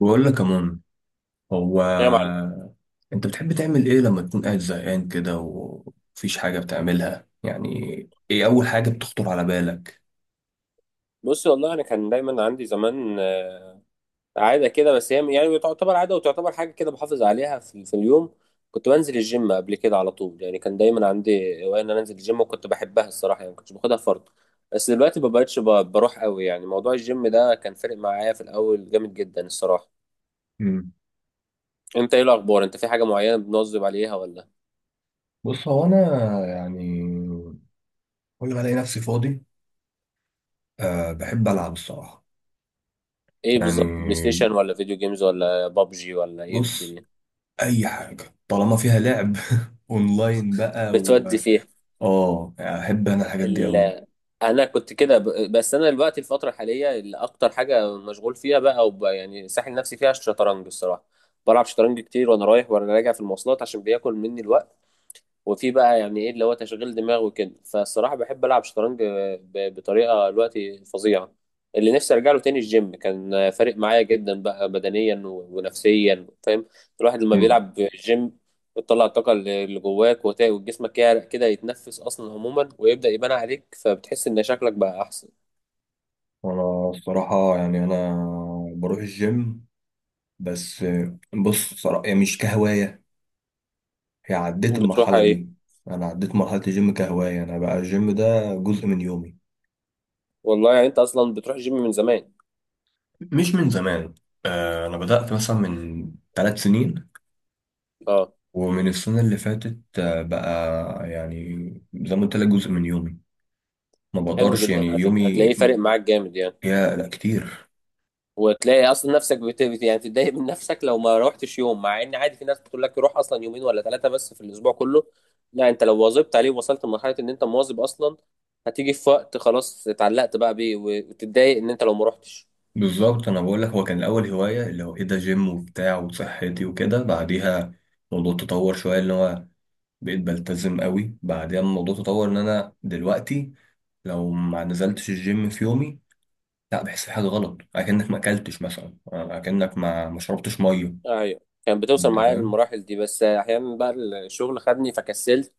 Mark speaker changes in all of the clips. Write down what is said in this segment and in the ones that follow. Speaker 1: بقول لك يا مون، هو
Speaker 2: يا معلم،
Speaker 1: انت بتحب تعمل ايه لما تكون قاعد زهقان كده ومفيش حاجه بتعملها؟ يعني ايه اول حاجه بتخطر على بالك؟
Speaker 2: بص والله انا كان دايما عندي زمان عاده كده. بس هي يعني تعتبر عاده وتعتبر حاجه كده بحافظ عليها في اليوم. كنت بنزل الجيم قبل كده على طول، يعني كان دايما عندي هوايه ان انا انزل الجيم، وكنت بحبها الصراحه، يعني ما كنتش باخدها فرض. بس دلوقتي ما بقتش بروح قوي. يعني موضوع الجيم ده كان فارق معايا في الاول جامد جدا الصراحه.
Speaker 1: مم.
Speaker 2: انت ايه الاخبار؟ انت في حاجه معينه بنواظب عليها ولا
Speaker 1: بص، هو انا يعني كل ما الاقي نفسي فاضي، بحب العب الصراحه.
Speaker 2: ايه؟ بالظبط بلاي
Speaker 1: يعني
Speaker 2: ستيشن ولا فيديو جيمز ولا بابجي ولا ايه
Speaker 1: بص،
Speaker 2: بالدنيا
Speaker 1: اي حاجه طالما فيها لعب اونلاين بقى. و
Speaker 2: بتودي فيها؟
Speaker 1: اه احب انا الحاجات دي
Speaker 2: ال...
Speaker 1: قوي.
Speaker 2: انا كنت كده بس انا دلوقتي الفتره الحاليه اللي اكتر حاجه مشغول فيها بقى يعني ساحل نفسي فيها الشطرنج الصراحه. بلعب شطرنج كتير وانا رايح وانا راجع في المواصلات عشان بياكل مني الوقت. وفي بقى يعني ايه اللي هو تشغيل دماغ وكده، فالصراحه بحب العب شطرنج بطريقه دلوقتي فظيعه. اللي نفسي ارجع له تاني، الجيم كان فارق معايا جدا بقى بدنيا ونفسيا، فاهم؟ الواحد لما
Speaker 1: مم.
Speaker 2: بيلعب جيم بتطلع الطاقه اللي جواك، وجسمك يعرق كده، يتنفس اصلا عموما، ويبدا يبان عليك، فبتحس ان شكلك بقى احسن.
Speaker 1: انا الصراحه يعني انا بروح الجيم، بس بص صراحة يعني مش كهواية، هي عديت
Speaker 2: بتروح
Speaker 1: المرحلة
Speaker 2: ايه؟
Speaker 1: دي. أنا عديت مرحلة الجيم كهواية، أنا بقى الجيم ده جزء من يومي.
Speaker 2: والله يعني انت اصلا بتروح جيم من زمان؟
Speaker 1: مش من زمان، أنا بدأت مثلا من 3 سنين،
Speaker 2: اه،
Speaker 1: ومن السنة اللي فاتت بقى يعني زي ما قلت لك جزء من يومي. ما
Speaker 2: حلو
Speaker 1: بقدرش
Speaker 2: جدا
Speaker 1: يعني
Speaker 2: على فكره،
Speaker 1: يومي...
Speaker 2: هتلاقيه فارق معاك جامد يعني.
Speaker 1: يا لا كتير.
Speaker 2: وتلاقي اصلا نفسك يعني تتضايق من نفسك لو ما روحتش يوم، مع ان عادي في ناس بتقول لك روح اصلا يومين ولا ثلاثه بس في الاسبوع كله. لا، انت لو واظبت عليه ووصلت لمرحله ان انت مواظب اصلا، هتيجي في وقت خلاص اتعلقت بقى بيه وتتضايق ان انت لو ما روحتش.
Speaker 1: بالظبط أنا بقول لك، هو كان الأول هواية اللي هو إيه، ده جيم وبتاع وصحتي وكده. بعديها الموضوع تطور شوية، اللي هو بقيت بلتزم قوي. بعدين الموضوع تطور ان انا دلوقتي لو ما نزلتش الجيم في يومي، لا بحس في حاجه غلط، اكنك ما اكلتش مثلا، اكنك ما شربتش ميه.
Speaker 2: ايوه، كان بتوصل
Speaker 1: انت
Speaker 2: معايا
Speaker 1: فاهم؟
Speaker 2: للمراحل دي. بس احيانا بقى الشغل خدني فكسلت،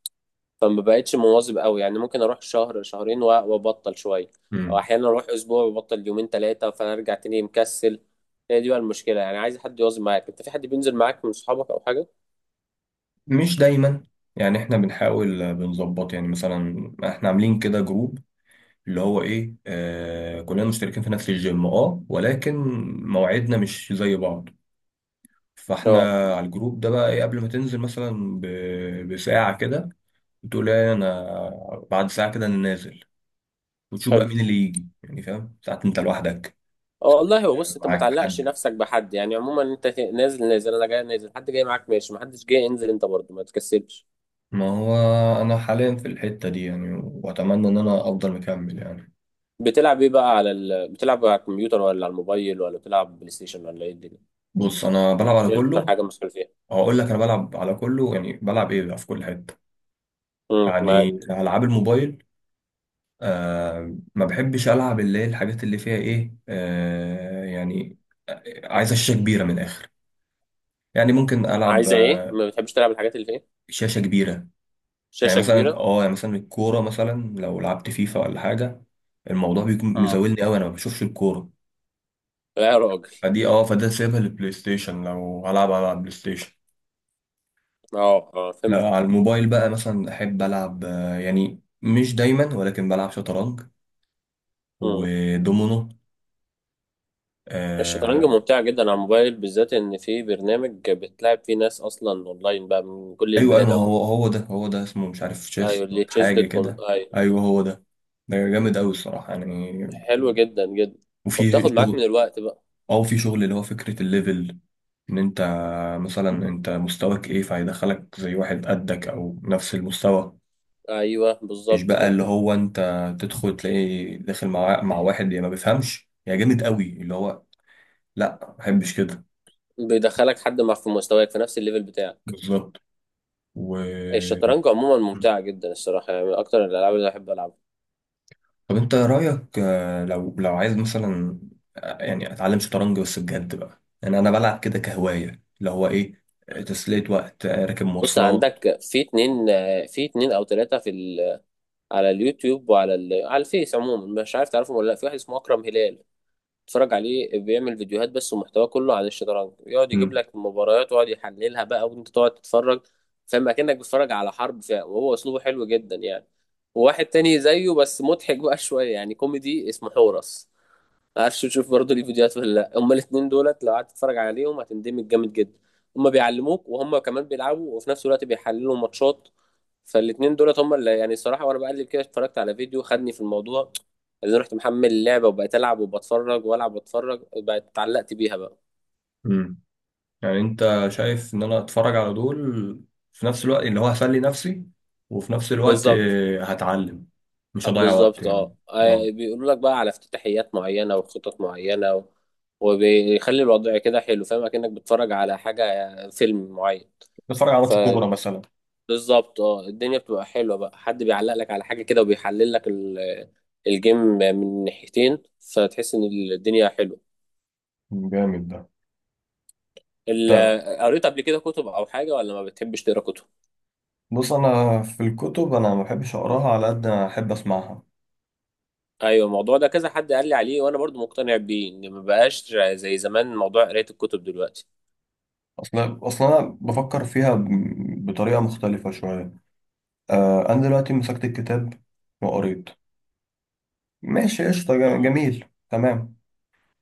Speaker 2: فما بقتش مواظب قوي. يعني ممكن اروح شهر شهرين وابطل شويه، او
Speaker 1: مم.
Speaker 2: احيانا اروح اسبوع وابطل يومين ثلاثه، فارجع تاني مكسل. هي دي بقى المشكله. يعني عايز حد يواظب معاك. انت في حد بينزل معاك من صحابك او حاجه؟
Speaker 1: مش دايما يعني، احنا بنحاول بنظبط. يعني مثلا احنا عاملين كده جروب اللي هو ايه، كلنا مشتركين في نفس الجيم، اه، ولكن مواعيدنا مش زي بعض. فاحنا
Speaker 2: اه،
Speaker 1: على الجروب ده بقى ايه، قبل ما تنزل مثلا بساعة كده، بتقول ايه، انا بعد ساعه كده انا نازل، وتشوف بقى
Speaker 2: حلو.
Speaker 1: مين اللي يجي. يعني فاهم، ساعات انت لوحدك،
Speaker 2: اه والله، هو
Speaker 1: يعني
Speaker 2: بص، انت ما
Speaker 1: معاك
Speaker 2: تعلقش
Speaker 1: حد.
Speaker 2: نفسك بحد يعني. عموما انت نازل نازل، انا جاي نازل، حد جاي معاك ماشي، ما حدش جاي انزل انت برضه، ما تكسلش.
Speaker 1: ما هو انا حاليا في الحته دي، يعني واتمنى ان انا افضل مكمل يعني.
Speaker 2: بتلعب ايه بقى على بتلعب على الكمبيوتر ولا على الموبايل ولا بتلعب بلاي ستيشن ولا ايه الدنيا؟
Speaker 1: بص انا بلعب على
Speaker 2: ايه اكتر
Speaker 1: كله.
Speaker 2: حاجه مسؤول فيها؟
Speaker 1: هقول لك، انا بلعب على كله، يعني بلعب ايه بقى في كل حته. يعني
Speaker 2: معاك.
Speaker 1: العاب الموبايل، ما بحبش العب اللي هي الحاجات اللي فيها ايه، يعني عايزه شاشه كبيره من الاخر. يعني ممكن العب،
Speaker 2: عايزه ايه؟ ما بتحبش تلعب الحاجات اللي فيها؟
Speaker 1: شاشه كبيره. يعني
Speaker 2: شاشه
Speaker 1: مثلا
Speaker 2: كبيره.
Speaker 1: اه، يعني مثلا الكورة، مثلا لو لعبت فيفا ولا حاجة، الموضوع بيكون
Speaker 2: اه،
Speaker 1: مزاولني قوي، انا ما بشوفش الكورة.
Speaker 2: لا يا راجل.
Speaker 1: فدي اه فده سيبها للبلاي ستيشن، لو هلعب على البلاي ستيشن.
Speaker 2: اه اه فهمت.
Speaker 1: لا، على الموبايل بقى مثلا احب العب، يعني مش دايما ولكن بلعب شطرنج
Speaker 2: مم.
Speaker 1: ودومينو.
Speaker 2: الشطرنج
Speaker 1: آه
Speaker 2: ممتعة جدا على الموبايل، بالذات ان في برنامج بتلعب فيه ناس اصلا اونلاين بقى من كل
Speaker 1: ايوه ايوه،
Speaker 2: البلاد
Speaker 1: ما
Speaker 2: عموما.
Speaker 1: هو هو ده اسمه مش عارف، تشيس
Speaker 2: ايوه، اللي
Speaker 1: دوت
Speaker 2: تشيز
Speaker 1: حاجة
Speaker 2: دوت كوم،
Speaker 1: كده.
Speaker 2: ايوه.
Speaker 1: ايوه هو ده، ده جامد قوي الصراحة يعني.
Speaker 2: حلو جدا جدا.
Speaker 1: وفي
Speaker 2: وبتاخد معاك
Speaker 1: شغل،
Speaker 2: من الوقت بقى.
Speaker 1: او في شغل اللي هو فكرة الليفل، ان انت مثلا، انت مستواك ايه، فهيدخلك زي واحد قدك او نفس المستوى.
Speaker 2: ايوه
Speaker 1: مش
Speaker 2: بالظبط
Speaker 1: بقى
Speaker 2: كده.
Speaker 1: اللي هو انت تدخل تلاقي داخل مع واحد، يا ما بيفهمش يا جامد قوي اللي هو، لا، ما بحبش كده.
Speaker 2: بيدخلك حد مع في مستواك، في نفس الليفل بتاعك.
Speaker 1: بالظبط. و...
Speaker 2: الشطرنج عموما ممتعة جدا الصراحة، يعني من اكتر الالعاب اللي بحب العبها.
Speaker 1: طب انت رايك، لو عايز مثلا يعني اتعلم شطرنج بس بجد بقى، يعني انا بلعب كده كهوايه اللي هو ايه، تسليه وقت، راكب
Speaker 2: بص،
Speaker 1: مواصلات.
Speaker 2: عندك في اتنين او تلاتة في على اليوتيوب وعلى على الفيس عموما، مش عارف تعرفهم ولا لا. في واحد اسمه اكرم هلال، بتتفرج عليه بيعمل فيديوهات بس، ومحتواه كله عن الشطرنج. يقعد يجيب لك مباريات ويقعد يحللها بقى وانت تقعد تتفرج، فاهم اكنك بتتفرج على حرب فيها. وهو اسلوبه حلو جدا يعني. وواحد تاني زيه بس مضحك بقى شويه، يعني كوميدي، اسمه حورس. ما اعرفش تشوف برضه ليه فيديوهات ولا لا. هما الاثنين دولت لو قعدت تتفرج عليهم هتندمج جامد جدا. هما بيعلموك وهما كمان بيلعبوا، وفي نفس الوقت بيحللوا ماتشات. فالاثنين دولت هما اللي يعني الصراحه، وانا بقلب كده اتفرجت على فيديو خدني في الموضوع، اللي رحت محمل اللعبه وبقيت العب وبتفرج والعب واتفرج، بقيت اتعلقت بيها بقى.
Speaker 1: امم يعني انت شايف ان انا اتفرج على دول، في نفس الوقت اللي هو هسلي نفسي، وفي نفس الوقت
Speaker 2: بالظبط.
Speaker 1: هتعلم، مش هضيع وقت
Speaker 2: بالظبط
Speaker 1: يعني.
Speaker 2: اه.
Speaker 1: اه
Speaker 2: بيقولوا لك بقى على افتتاحيات معينه وخطط معينه وبيخلي الوضع كده حلو. فاهم اكنك بتتفرج على حاجه فيلم معين.
Speaker 1: اتفرج على ماتش كورة مثلا،
Speaker 2: بالظبط اه. الدنيا بتبقى حلوه بقى، حد بيعلق لك على حاجه كده وبيحلل لك الجيم من ناحيتين، فتحس ان الدنيا حلوه.
Speaker 1: جامد ده. طيب
Speaker 2: قريت قبل كده كتب او حاجه ولا ما بتحبش تقرا كتب؟
Speaker 1: بص، انا في الكتب انا ما بحبش اقراها على قد ما احب اسمعها.
Speaker 2: ايوه الموضوع ده كذا حد قال لي عليه، وانا برضو مقتنع بيه ان ما بقاش زي زمان موضوع قرايه الكتب دلوقتي.
Speaker 1: اصلا انا بفكر فيها بطريقه مختلفه شويه. آه، انا دلوقتي مسكت الكتاب وقريت، ماشي قشطه،
Speaker 2: مم.
Speaker 1: جميل، تمام.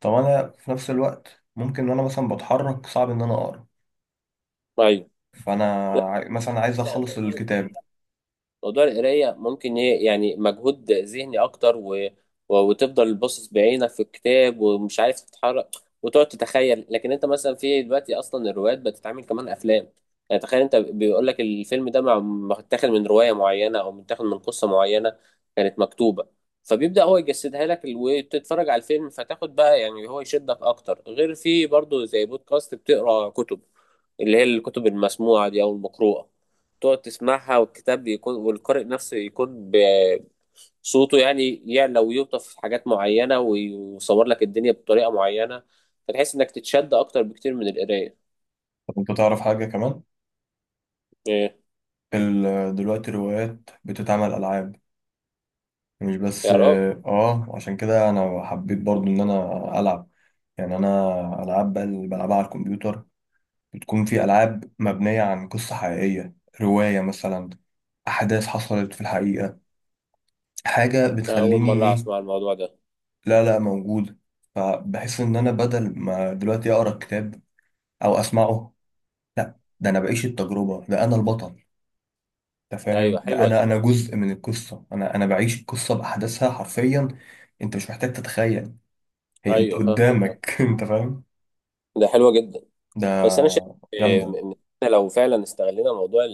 Speaker 1: طب انا في نفس الوقت ممكن، وانا مثلا بتحرك صعب ان انا اقرا،
Speaker 2: ايوه.
Speaker 1: فانا
Speaker 2: لا،
Speaker 1: مثلا عايز
Speaker 2: انت
Speaker 1: اخلص
Speaker 2: موضوع
Speaker 1: الكتاب.
Speaker 2: القراية، موضوع القراية ممكن يعني مجهود ذهني أكتر وتفضل باصص بعينك في الكتاب ومش عارف تتحرك وتقعد تتخيل. لكن أنت مثلا في دلوقتي أصلا الروايات بتتعمل كمان أفلام. يعني تخيل، أنت بيقول لك الفيلم ده متاخد من رواية معينة أو متاخد من قصة معينة كانت مكتوبة، فبيبدأ هو يجسدها لك. وتتفرج على الفيلم فتاخد بقى، يعني هو يشدك أكتر. غير في برضه زي بودكاست بتقرأ كتب، اللي هي الكتب المسموعة دي أو المقروءة، تقعد تسمعها، والكتاب بيكون والقارئ نفسه يكون بصوته، يعني يعلى ويوطف حاجات معينة ويصور لك الدنيا بطريقة معينة، فتحس إنك تتشد أكتر بكتير من القراية.
Speaker 1: طب انت تعرف حاجه كمان،
Speaker 2: إيه؟
Speaker 1: دلوقتي الروايات بتتعمل العاب، مش بس.
Speaker 2: يا راجل،
Speaker 1: اه عشان كده انا حبيت برضو ان انا العب. يعني انا، العاب بقى اللي بلعبها على الكمبيوتر، بتكون في العاب مبنيه عن قصه حقيقيه، روايه مثلا، احداث حصلت في الحقيقه، حاجه
Speaker 2: أنا أول
Speaker 1: بتخليني
Speaker 2: مرة
Speaker 1: ايه.
Speaker 2: أسمع الموضوع ده.
Speaker 1: لا لا، موجود. فبحس ان انا بدل ما دلوقتي اقرا الكتاب او اسمعه، لا، ده انا بعيش التجربه، ده انا البطل. انت فاهم؟
Speaker 2: أيوه
Speaker 1: ده
Speaker 2: حلوة
Speaker 1: انا
Speaker 2: دي.
Speaker 1: انا جزء من القصه، انا بعيش القصه باحداثها حرفيا. انت مش محتاج تتخيل، هي انت
Speaker 2: أيوه فاهمك.
Speaker 1: قدامك انت فاهم؟
Speaker 2: ده حلوة جدا.
Speaker 1: ده
Speaker 2: بس أنا شايف إيه،
Speaker 1: جامده.
Speaker 2: إن إحنا لو فعلا استغلينا موضوع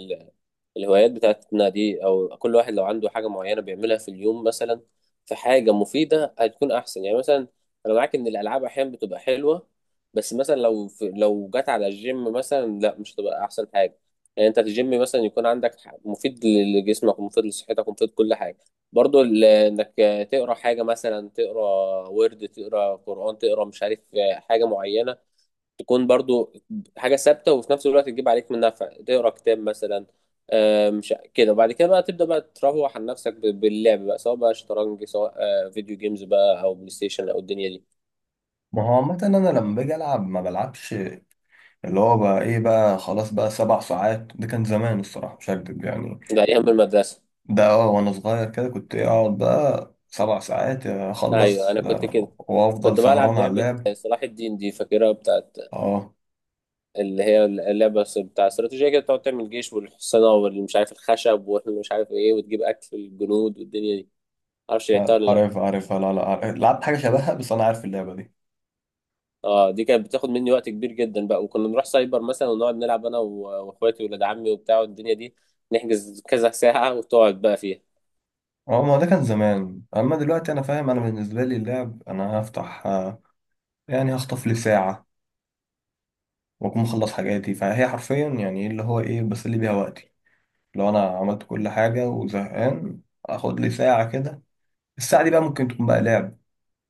Speaker 2: الهوايات بتاعتنا دي، او كل واحد لو عنده حاجه معينه بيعملها في اليوم مثلا في حاجه مفيده، هتكون احسن. يعني مثلا انا معاك ان الالعاب احيانا بتبقى حلوه، بس مثلا لو في، لو جت على الجيم مثلا، لا مش هتبقى احسن حاجه. يعني انت في الجيم مثلا يكون عندك مفيد لجسمك ومفيد لصحتك ومفيد كل حاجه. برضو انك تقرا حاجه، مثلا تقرا ورد، تقرا قران، تقرا مش عارف حاجه معينه، تكون برضو حاجة ثابتة، وفي نفس الوقت تجيب عليك من نفع تقرا كتاب مثلا. مش كده. وبعد كده بقى تبدأ بقى تروح عن نفسك باللعب بقى، سواء بقى شطرنج، سواء فيديو جيمز بقى، أو بلاي ستيشن، أو الدنيا دي.
Speaker 1: ما هو عامة أنا لما باجي ألعب ما بلعبش اللي هو بقى إيه بقى، خلاص بقى 7 ساعات. ده كان زمان الصراحة، مش هكدب يعني.
Speaker 2: ده أيام المدرسة.
Speaker 1: ده أه، وأنا صغير كده كنت إيه، أقعد بقى 7 ساعات
Speaker 2: أيوه
Speaker 1: أخلص،
Speaker 2: أنا كنت كده.
Speaker 1: وأفضل
Speaker 2: كنت
Speaker 1: سهران
Speaker 2: بلعب
Speaker 1: على
Speaker 2: لعبة
Speaker 1: اللعب.
Speaker 2: صلاح الدين دي، فاكرها بتاعت
Speaker 1: أه
Speaker 2: اللي هي اللعبة بتاع استراتيجية كده، بتقعد تعمل جيش والحصانة والمش عارف الخشب والمش عارف إيه، وتجيب أكل الجنود والدنيا دي. معرفش لعبتها ولا لأ؟
Speaker 1: عارف، لا لا، عارف. لعبت حاجة شبهها بس أنا عارف اللعبة.
Speaker 2: اه، دي كانت بتاخد مني وقت كبير جدا بقى. وكنا نروح سايبر مثلا ونقعد نلعب انا واخواتي ولاد عمي وبتاع الدنيا دي. نحجز كذا ساعة وتقعد بقى فيها.
Speaker 1: اه ما هو ده كان زمان، اما دلوقتي انا فاهم، انا بالنسبه لي اللعب، انا هفتح يعني هخطف لي ساعه واكون مخلص حاجاتي، فهي حرفيا يعني اللي هو ايه، بسلي بيها وقتي. لو انا عملت كل حاجه وزهقان، اخد لي ساعه كده. الساعه دي بقى ممكن تكون بقى لعب،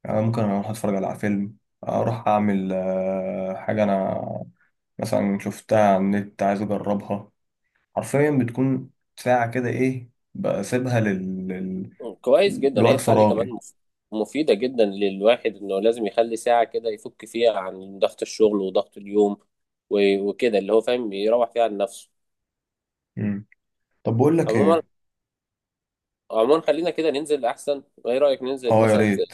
Speaker 1: يعني ممكن اروح اتفرج على فيلم، اروح اعمل حاجه انا مثلا شفتها على النت عايز اجربها. حرفيا بتكون ساعه كده ايه، بسيبها
Speaker 2: كويس جدا. هي
Speaker 1: لوقت
Speaker 2: الساعة دي كمان
Speaker 1: فراغي.
Speaker 2: مفيدة جدا للواحد، انه لازم يخلي ساعة كده يفك فيها عن ضغط الشغل وضغط اليوم وكده، اللي هو فاهم يروح فيها عن نفسه.
Speaker 1: مم. طب بقول لك
Speaker 2: عموما،
Speaker 1: ايه.
Speaker 2: عموما خلينا كده ننزل احسن. ايه رأيك ننزل
Speaker 1: اه يا
Speaker 2: مثلا في
Speaker 1: ريت.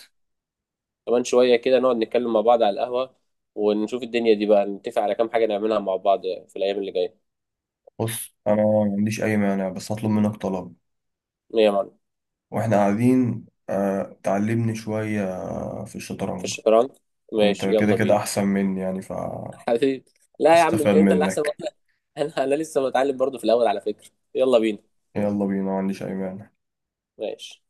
Speaker 2: كمان شوية كده، نقعد نتكلم مع بعض على القهوة، ونشوف الدنيا دي بقى، نتفق على كام حاجة نعملها مع بعض في الأيام اللي جاية.
Speaker 1: بص انا ما عنديش اي مانع، بس هطلب منك طلب.
Speaker 2: ايه يا معلم؟
Speaker 1: واحنا قاعدين، آه، تعلمني شوية في
Speaker 2: في
Speaker 1: الشطرنج.
Speaker 2: الشطرنج.
Speaker 1: انت
Speaker 2: ماشي،
Speaker 1: كده
Speaker 2: يلا
Speaker 1: كده
Speaker 2: بينا.
Speaker 1: احسن مني يعني،
Speaker 2: حبيبي، لا يا عم،
Speaker 1: فاستفاد
Speaker 2: يمكن انت اللي احسن
Speaker 1: منك.
Speaker 2: واحد. انا لسه متعلم برضو في الاول على فكرة. يلا بينا.
Speaker 1: يلا بينا، ما عنديش اي مانع.
Speaker 2: ماشي.